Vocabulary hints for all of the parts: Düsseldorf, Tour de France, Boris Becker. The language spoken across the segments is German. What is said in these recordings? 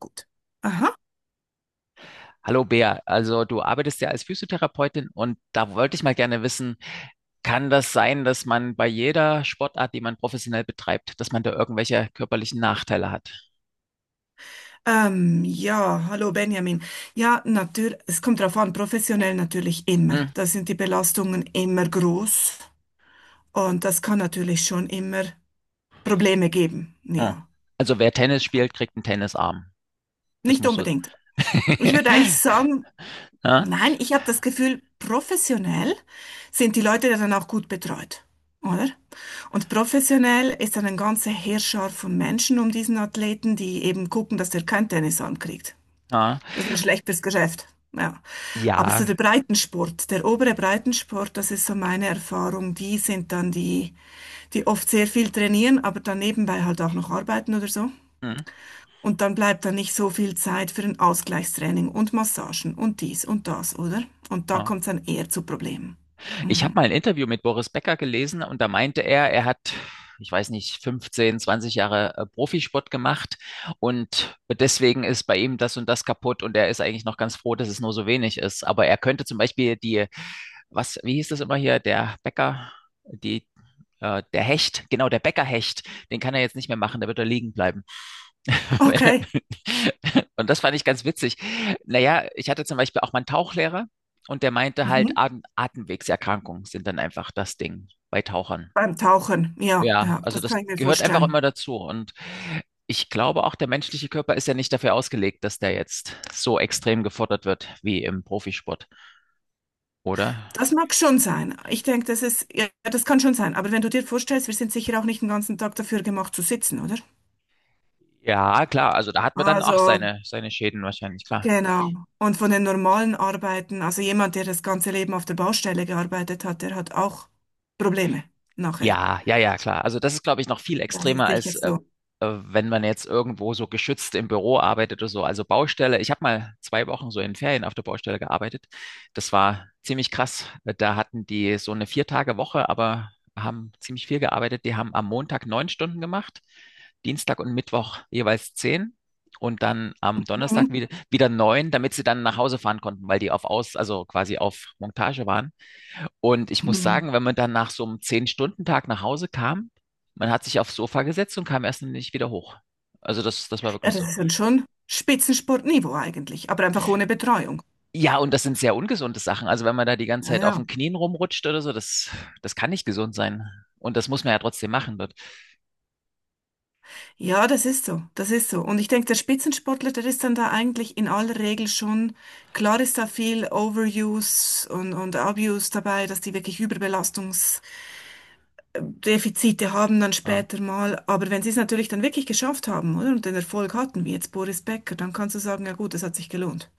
Gut. Aha. Hallo Bea, also du arbeitest ja als Physiotherapeutin und da wollte ich mal gerne wissen, kann das sein, dass man bei jeder Sportart, die man professionell betreibt, dass man da irgendwelche körperlichen Nachteile hat? Ja, hallo Benjamin. Ja, natürlich, es kommt darauf an, professionell natürlich immer. Hm? Da sind die Belastungen immer groß und das kann natürlich schon immer Probleme geben. Hm. Ja, Also wer Tennis spielt, kriegt einen Tennisarm. Das nicht musst du. unbedingt. Ich würde eigentlich sagen, Ja? nein, ich habe das Gefühl, professionell sind die Leute ja dann auch gut betreut, oder? Und professionell ist dann ein ganzer Heerschar von Menschen um diesen Athleten, die eben gucken, dass der kein Tennis ankriegt. Ja. Das wäre schlecht fürs Geschäft. Ja. Aber so der Ja, Breitensport, der obere Breitensport, das ist so meine Erfahrung. Die sind dann die, die oft sehr viel trainieren, aber dann nebenbei halt auch noch arbeiten oder so. Hm? Und dann bleibt dann nicht so viel Zeit für ein Ausgleichstraining und Massagen und dies und das, oder? Und da Oh. kommt es dann eher zu Problemen. Ich habe Mhm. mal ein Interview mit Boris Becker gelesen und da meinte er, er hat, ich weiß nicht, 15, 20 Jahre Profisport gemacht und deswegen ist bei ihm das und das kaputt und er ist eigentlich noch ganz froh, dass es nur so wenig ist. Aber er könnte zum Beispiel die, was, wie hieß das immer hier, der Becker, die, der Hecht, genau, der Beckerhecht, den kann er jetzt nicht mehr machen, der wird da liegen bleiben. Okay. Und das fand ich ganz witzig. Naja, ich hatte zum Beispiel auch mal einen Tauchlehrer und der meinte halt, Mhm. Atemwegserkrankungen sind dann einfach das Ding bei Tauchern. Beim Tauchen, ja, Ja, ja, also das kann das ich mir gehört einfach vorstellen. immer dazu. Und ich glaube auch, der menschliche Körper ist ja nicht dafür ausgelegt, dass der jetzt so extrem gefordert wird wie im Profisport, oder? Das mag schon sein. Ich denke, das ist, ja, das kann schon sein. Aber wenn du dir vorstellst, wir sind sicher auch nicht den ganzen Tag dafür gemacht zu sitzen, oder? Ja, klar, also da hat man dann auch Also, seine Schäden wahrscheinlich, klar. genau. Und von den normalen Arbeiten, also jemand, der das ganze Leben auf der Baustelle gearbeitet hat, der hat auch Probleme nachher. Ja, ja, ja, klar. Also das ist, glaube ich, noch viel Das ist extremer sicher als so. Wenn man jetzt irgendwo so geschützt im Büro arbeitet oder so. Also Baustelle. Ich habe mal zwei Wochen so in Ferien auf der Baustelle gearbeitet. Das war ziemlich krass. Da hatten die so eine Vier-Tage-Woche, aber haben ziemlich viel gearbeitet. Die haben am Montag neun Stunden gemacht, Dienstag und Mittwoch jeweils zehn und dann am Donnerstag Mhm. wieder neun, damit sie dann nach Hause fahren konnten, weil die also quasi auf Montage waren. Und ich muss Mhm. sagen, wenn man dann nach so einem Zehn-Stunden-Tag nach Hause kam, man hat sich aufs Sofa gesetzt und kam erst nicht wieder hoch. Also das war Ja, wirklich das so. ist dann schon Spitzensportniveau eigentlich, aber einfach ohne Betreuung. Ja, und das sind sehr ungesunde Sachen. Also wenn man da die ganze Ja, Zeit auf den ja. Knien rumrutscht oder so, das kann nicht gesund sein. Und das muss man ja trotzdem machen dort. Ja, das ist so, das ist so. Und ich denke, der Spitzensportler, der ist dann da eigentlich in aller Regel schon, klar ist da viel Overuse und Abuse dabei, dass die wirklich Überbelastungsdefizite haben dann Ja. später mal. Aber wenn sie es natürlich dann wirklich geschafft haben, oder, und den Erfolg hatten, wie jetzt Boris Becker, dann kannst du sagen, ja gut, das hat sich gelohnt.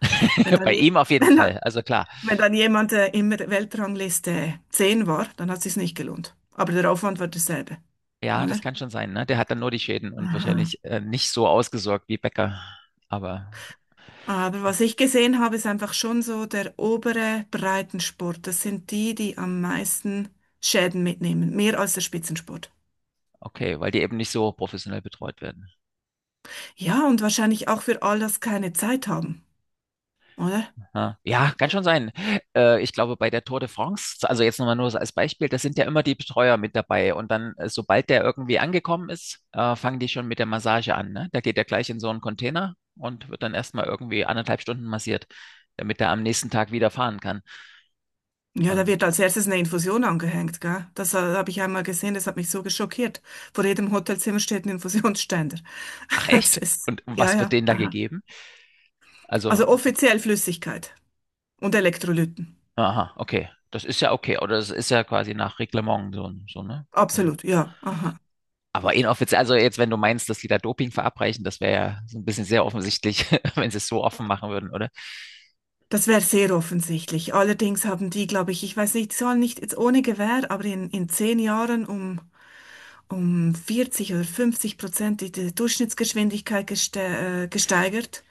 Wenn dann, Bei je- ihm auf jeden wenn dann, Fall. Also klar. wenn dann jemand in der Weltrangliste 10 war, dann hat es sich nicht gelohnt. Aber der Aufwand war derselbe, Ja, das oder? kann schon sein, ne? Der hat dann nur die Schäden und wahrscheinlich nicht so ausgesorgt wie Becker. Aber Aber was ich gesehen habe, ist einfach schon so der obere Breitensport. Das sind die, die am meisten Schäden mitnehmen, mehr als der Spitzensport. okay, weil die eben nicht so professionell betreut werden. Ja, und wahrscheinlich auch für all das keine Zeit haben, oder? Ja, Ja, kann schon sein. Ich glaube, bei der Tour de France, also jetzt nochmal nur so als Beispiel, da sind ja immer die Betreuer mit dabei. Und dann, sobald der irgendwie angekommen ist, fangen die schon mit der Massage an, ne? Da geht er gleich in so einen Container und wird dann erstmal irgendwie anderthalb Stunden massiert, damit er am nächsten Tag wieder fahren kann. Ja, da Und, wird als erstes eine Infusion angehängt, gell? Das habe ich einmal gesehen, das hat mich so geschockiert. Vor jedem Hotelzimmer steht ein Infusionsständer. ach Das echt? ist, Und ja, was wird ja, denen da aha. gegeben? Also Also, offiziell Flüssigkeit und Elektrolyten. aha, okay. Das ist ja okay. Oder das ist ja quasi nach Reglement so, so, ne? Also, Absolut, ja, aha. aber inoffiziell, also jetzt, wenn du meinst, dass die da Doping verabreichen, das wäre ja so ein bisschen sehr offensichtlich, wenn sie es so offen machen würden, oder? Das wäre sehr offensichtlich. Allerdings haben die, glaube ich, ich weiß nicht, die sollen nicht jetzt ohne Gewähr, aber in 10 Jahren um 40 oder 50% die Durchschnittsgeschwindigkeit gesteigert.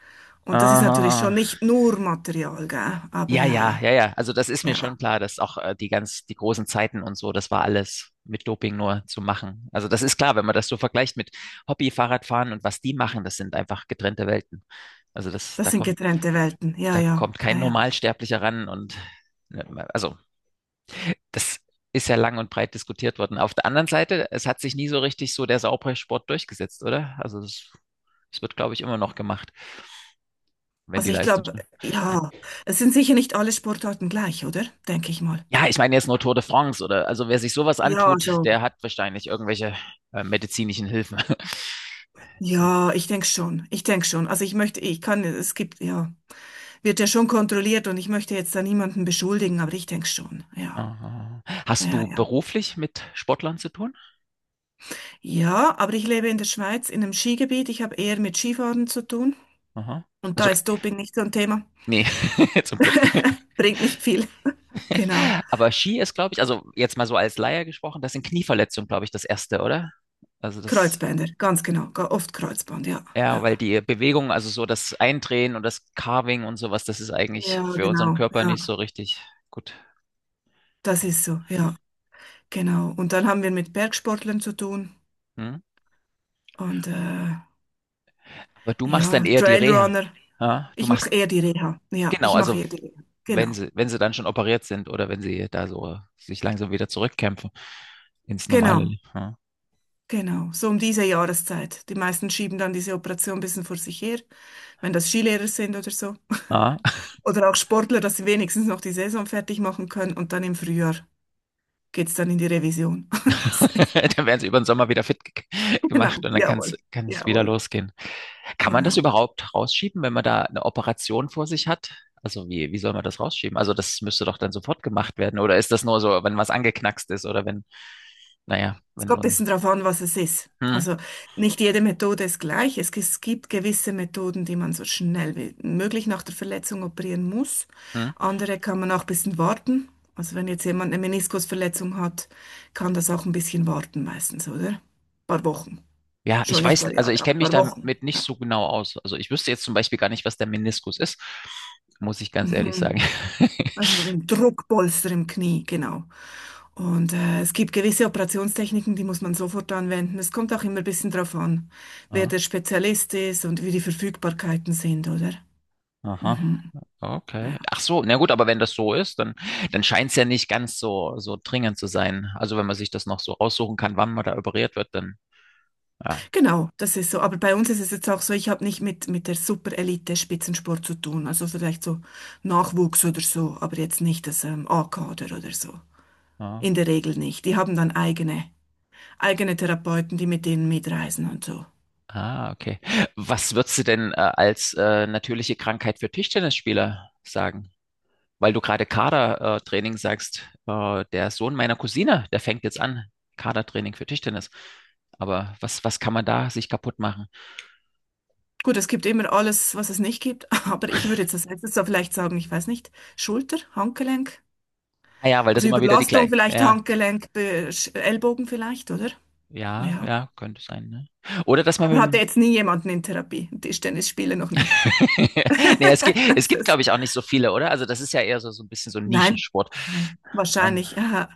Und das ist natürlich schon Aha. nicht nur Material, gell? Aber Ja, ja, ja, ja. Also das ist mir ja, schon klar, dass auch die großen Zeiten und so, das war alles mit Doping nur zu machen. Also das ist klar, wenn man das so vergleicht mit Hobby-Fahrradfahren und was die machen, das sind einfach getrennte Welten. Also das, das da sind kommt, getrennte Welten. Ja, da ja, kommt kein ja, ja. Normalsterblicher ran und ne, also das ist ja lang und breit diskutiert worden. Auf der anderen Seite, es hat sich nie so richtig so der Sauerbrei-Sport durchgesetzt, oder? Also das wird, glaube ich, immer noch gemacht, wenn die Also ich Leistung glaube, stimmt. Hm. ja, es sind sicher nicht alle Sportarten gleich, oder? Denke ich mal. Ja, ich meine jetzt nur Tour de France, oder? Also wer sich sowas Ja, antut, also, der hat wahrscheinlich irgendwelche medizinischen Hilfen. So. ja, ich denke schon. Ich denke schon. Also ich möchte, ich kann, es, gibt, ja. Wird ja schon kontrolliert und ich möchte jetzt da niemanden beschuldigen, aber ich denke schon, ja. Aha. Hast Ja, du ja. beruflich mit Sportlern zu tun? Ja, aber ich lebe in der Schweiz, in einem Skigebiet. Ich habe eher mit Skifahren zu tun. Aha. Und da Also ist Doping nicht so ein Thema. Nee, zum Glück. Bringt nicht viel. Genau. Aber Ski ist, glaube ich, also jetzt mal so als Laie gesprochen, das sind Knieverletzungen, glaube ich, das erste, oder? Also das Kreuzbänder, ganz genau. Oft Kreuzband, ja. ja, Ja, weil die Bewegung, also so das Eindrehen und das Carving und sowas, das ist eigentlich ja für unseren genau. Körper Ja, nicht so richtig gut. das ist so, ja. Genau. Und dann haben wir mit Bergsportlern zu tun. Hm? Und Aber du machst dann ja, eher die Reha. Trailrunner. Ja? Du Ich mache machst, eher die Reha. Ja, ich genau, mache also eher die Reha. wenn Genau. sie, wenn sie dann schon operiert sind oder wenn sie da so sich langsam wieder zurückkämpfen ins normale Genau. Leben. Ja? Genau, so um diese Jahreszeit. Die meisten schieben dann diese Operation ein bisschen vor sich her, wenn das Skilehrer sind oder so. Ja? Oder auch Sportler, dass sie wenigstens noch die Saison fertig machen können und dann im Frühjahr geht's dann in die Revision. Dann werden sie über den Sommer wieder fit gemacht Genau, und dann kann jawohl, es wieder jawohl, losgehen. Kann man das genau. überhaupt rausschieben, wenn man da eine Operation vor sich hat? Also wie soll man das rausschieben? Also das müsste doch dann sofort gemacht werden. Oder ist das nur so, wenn was angeknackst ist oder wenn, naja, Es wenn kommt ein nun. bisschen darauf an, was es ist. Hm, Also nicht jede Methode ist gleich. Es gibt gewisse Methoden, die man so schnell wie möglich nach der Verletzung operieren muss. hm. Andere kann man auch ein bisschen warten. Also wenn jetzt jemand eine Meniskusverletzung hat, kann das auch ein bisschen warten meistens, oder? Ein paar Wochen. Ja, ich Schon nicht ein weiß, paar also Jahre, ich aber ein kenne mich paar Wochen. damit nicht Ja. so genau aus. Also ich wüsste jetzt zum Beispiel gar nicht, was der Meniskus ist, muss ich ganz ehrlich sagen. Also ein Druckpolster im Knie, genau. Und es gibt gewisse Operationstechniken, die muss man sofort anwenden. Es kommt auch immer ein bisschen drauf an, wer Ah, der Spezialist ist und wie die Verfügbarkeiten sind, oder? aha, Mhm. okay. Ja. Ach so, na gut, aber wenn das so ist, dann scheint es ja nicht ganz so, so dringend zu sein. Also wenn man sich das noch so raussuchen kann, wann man da operiert wird, dann ja. Genau, das ist so. Aber bei uns ist es jetzt auch so, ich habe nicht mit, der Super-Elite-Spitzensport zu tun. Also vielleicht so Nachwuchs oder so, aber jetzt nicht das A-Kader oder so. In Ja. der Regel nicht. Die haben dann eigene Therapeuten, die mit denen mitreisen und so. Ah, okay. Was würdest du denn als natürliche Krankheit für Tischtennisspieler sagen? Weil du gerade Kadertraining sagst, der Sohn meiner Cousine, der fängt jetzt an, Kadertraining für Tischtennis. Aber was kann man da sich kaputt machen? Gut, es gibt immer alles, was es nicht gibt, aber ich würde jetzt als letztes da vielleicht sagen, ich weiß nicht, Schulter, Handgelenk, Ah ja, weil das also immer wieder die Überlastung gleiche. vielleicht, Ja, Handgelenk, Ellbogen vielleicht, oder? ja, Ja. ja, könnte sein, ne? Oder dass man mit Aber hatte dem jetzt nie jemanden in Therapie. Tischtennisspieler noch nie. Nee, es gibt, es Das gibt, ist- glaube ich, auch nicht so viele, oder? Also das ist ja eher so ein bisschen so ein Nein, Nischensport. nein, wahrscheinlich. Aha.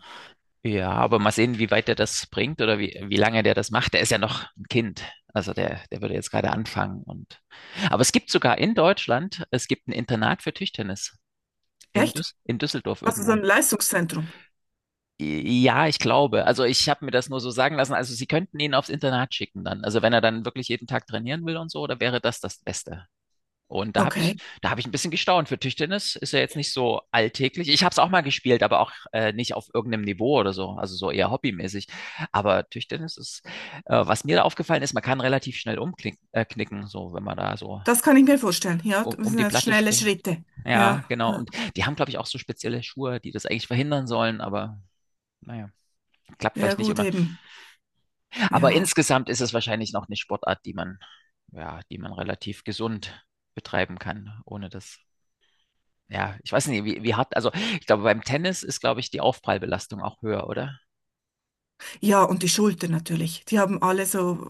Ja, aber mal sehen, wie weit der das bringt oder wie lange der das macht. Der ist ja noch ein Kind. Also der würde jetzt gerade anfangen und, aber es gibt sogar in Deutschland, es gibt ein Internat für Tischtennis in Echt? Düs in Düsseldorf Also so irgendwo. ein Leistungszentrum. Ja, ich glaube. Also ich habe mir das nur so sagen lassen. Also sie könnten ihn aufs Internat schicken dann. Also wenn er dann wirklich jeden Tag trainieren will und so, da wäre das das Beste. Und da habe ich, Okay, da habe ich ein bisschen gestaunt. Für Tischtennis ist ja jetzt nicht so alltäglich. Ich habe es auch mal gespielt, aber auch nicht auf irgendeinem Niveau oder so, also so eher hobbymäßig. Aber Tischtennis ist, was mir da aufgefallen ist, man kann relativ schnell umknicken, knicken, so wenn man da so das kann ich mir vorstellen. Ja, um, das um sind die ja Platte schnelle springt. Schritte. Ja, Ja, genau. ja, Und die haben, glaube ich, auch so spezielle Schuhe, die das eigentlich verhindern sollen, aber naja, klappt ja, vielleicht nicht gut immer. eben. Aber Ja, insgesamt ist es wahrscheinlich noch eine Sportart, die man, ja, die man relativ gesund betreiben kann, ohne dass ja, ich weiß nicht, wie hart, also ich glaube, beim Tennis ist, glaube ich, die Aufprallbelastung auch höher, oder? ja, und die Schulter natürlich. Die haben alle so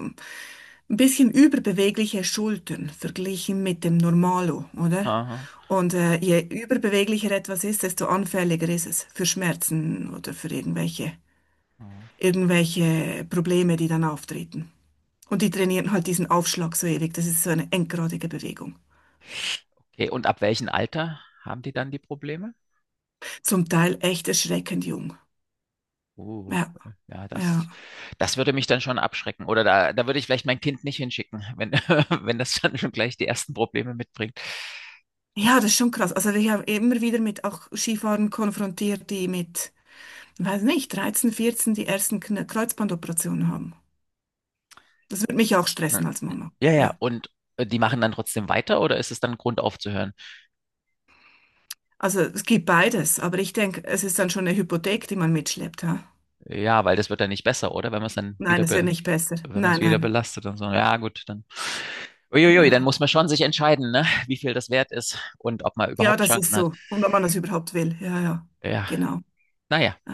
ein bisschen überbewegliche Schultern verglichen mit dem Normalo, oder? Aha. Und je überbeweglicher etwas ist, desto anfälliger ist es für Schmerzen oder für irgendwelche, Ah, irgendwelche Probleme, die dann auftreten. Und die trainieren halt diesen Aufschlag so ewig. Das ist so eine endgradige Bewegung. okay, und ab welchem Alter haben die dann die Probleme? Zum Teil echt erschreckend jung. Uh, Ja, ja, das, ja. das würde mich dann schon abschrecken. Oder da würde ich vielleicht mein Kind nicht hinschicken, wenn, wenn das dann schon gleich die ersten Probleme mitbringt. Ja, das Das, ist schon krass. Also ich habe immer wieder mit auch Skifahrern konfrontiert, die mit, weiß nicht, 13, 14 die ersten Kreuzbandoperationen haben. Das würde mich auch ja, stressen als Mama. ja, ja, Ja. und die machen dann trotzdem weiter oder ist es dann Grund aufzuhören? Also es gibt beides, aber ich denke, es ist dann schon eine Hypothek, die man mitschleppt. Ha? Ja, weil das wird dann nicht besser, oder? Wenn man es dann Nein, wieder es wird be nicht besser. wenn man es Nein, wieder nein. belastet und so. Ja, gut, dann. Uiuiui, dann Ja. muss man schon sich entscheiden, ne? Wie viel das wert ist und ob man Ja, überhaupt das ist Chancen hat. so. Und wenn man das überhaupt will. Ja, ja. Ja, Genau. naja. Aha.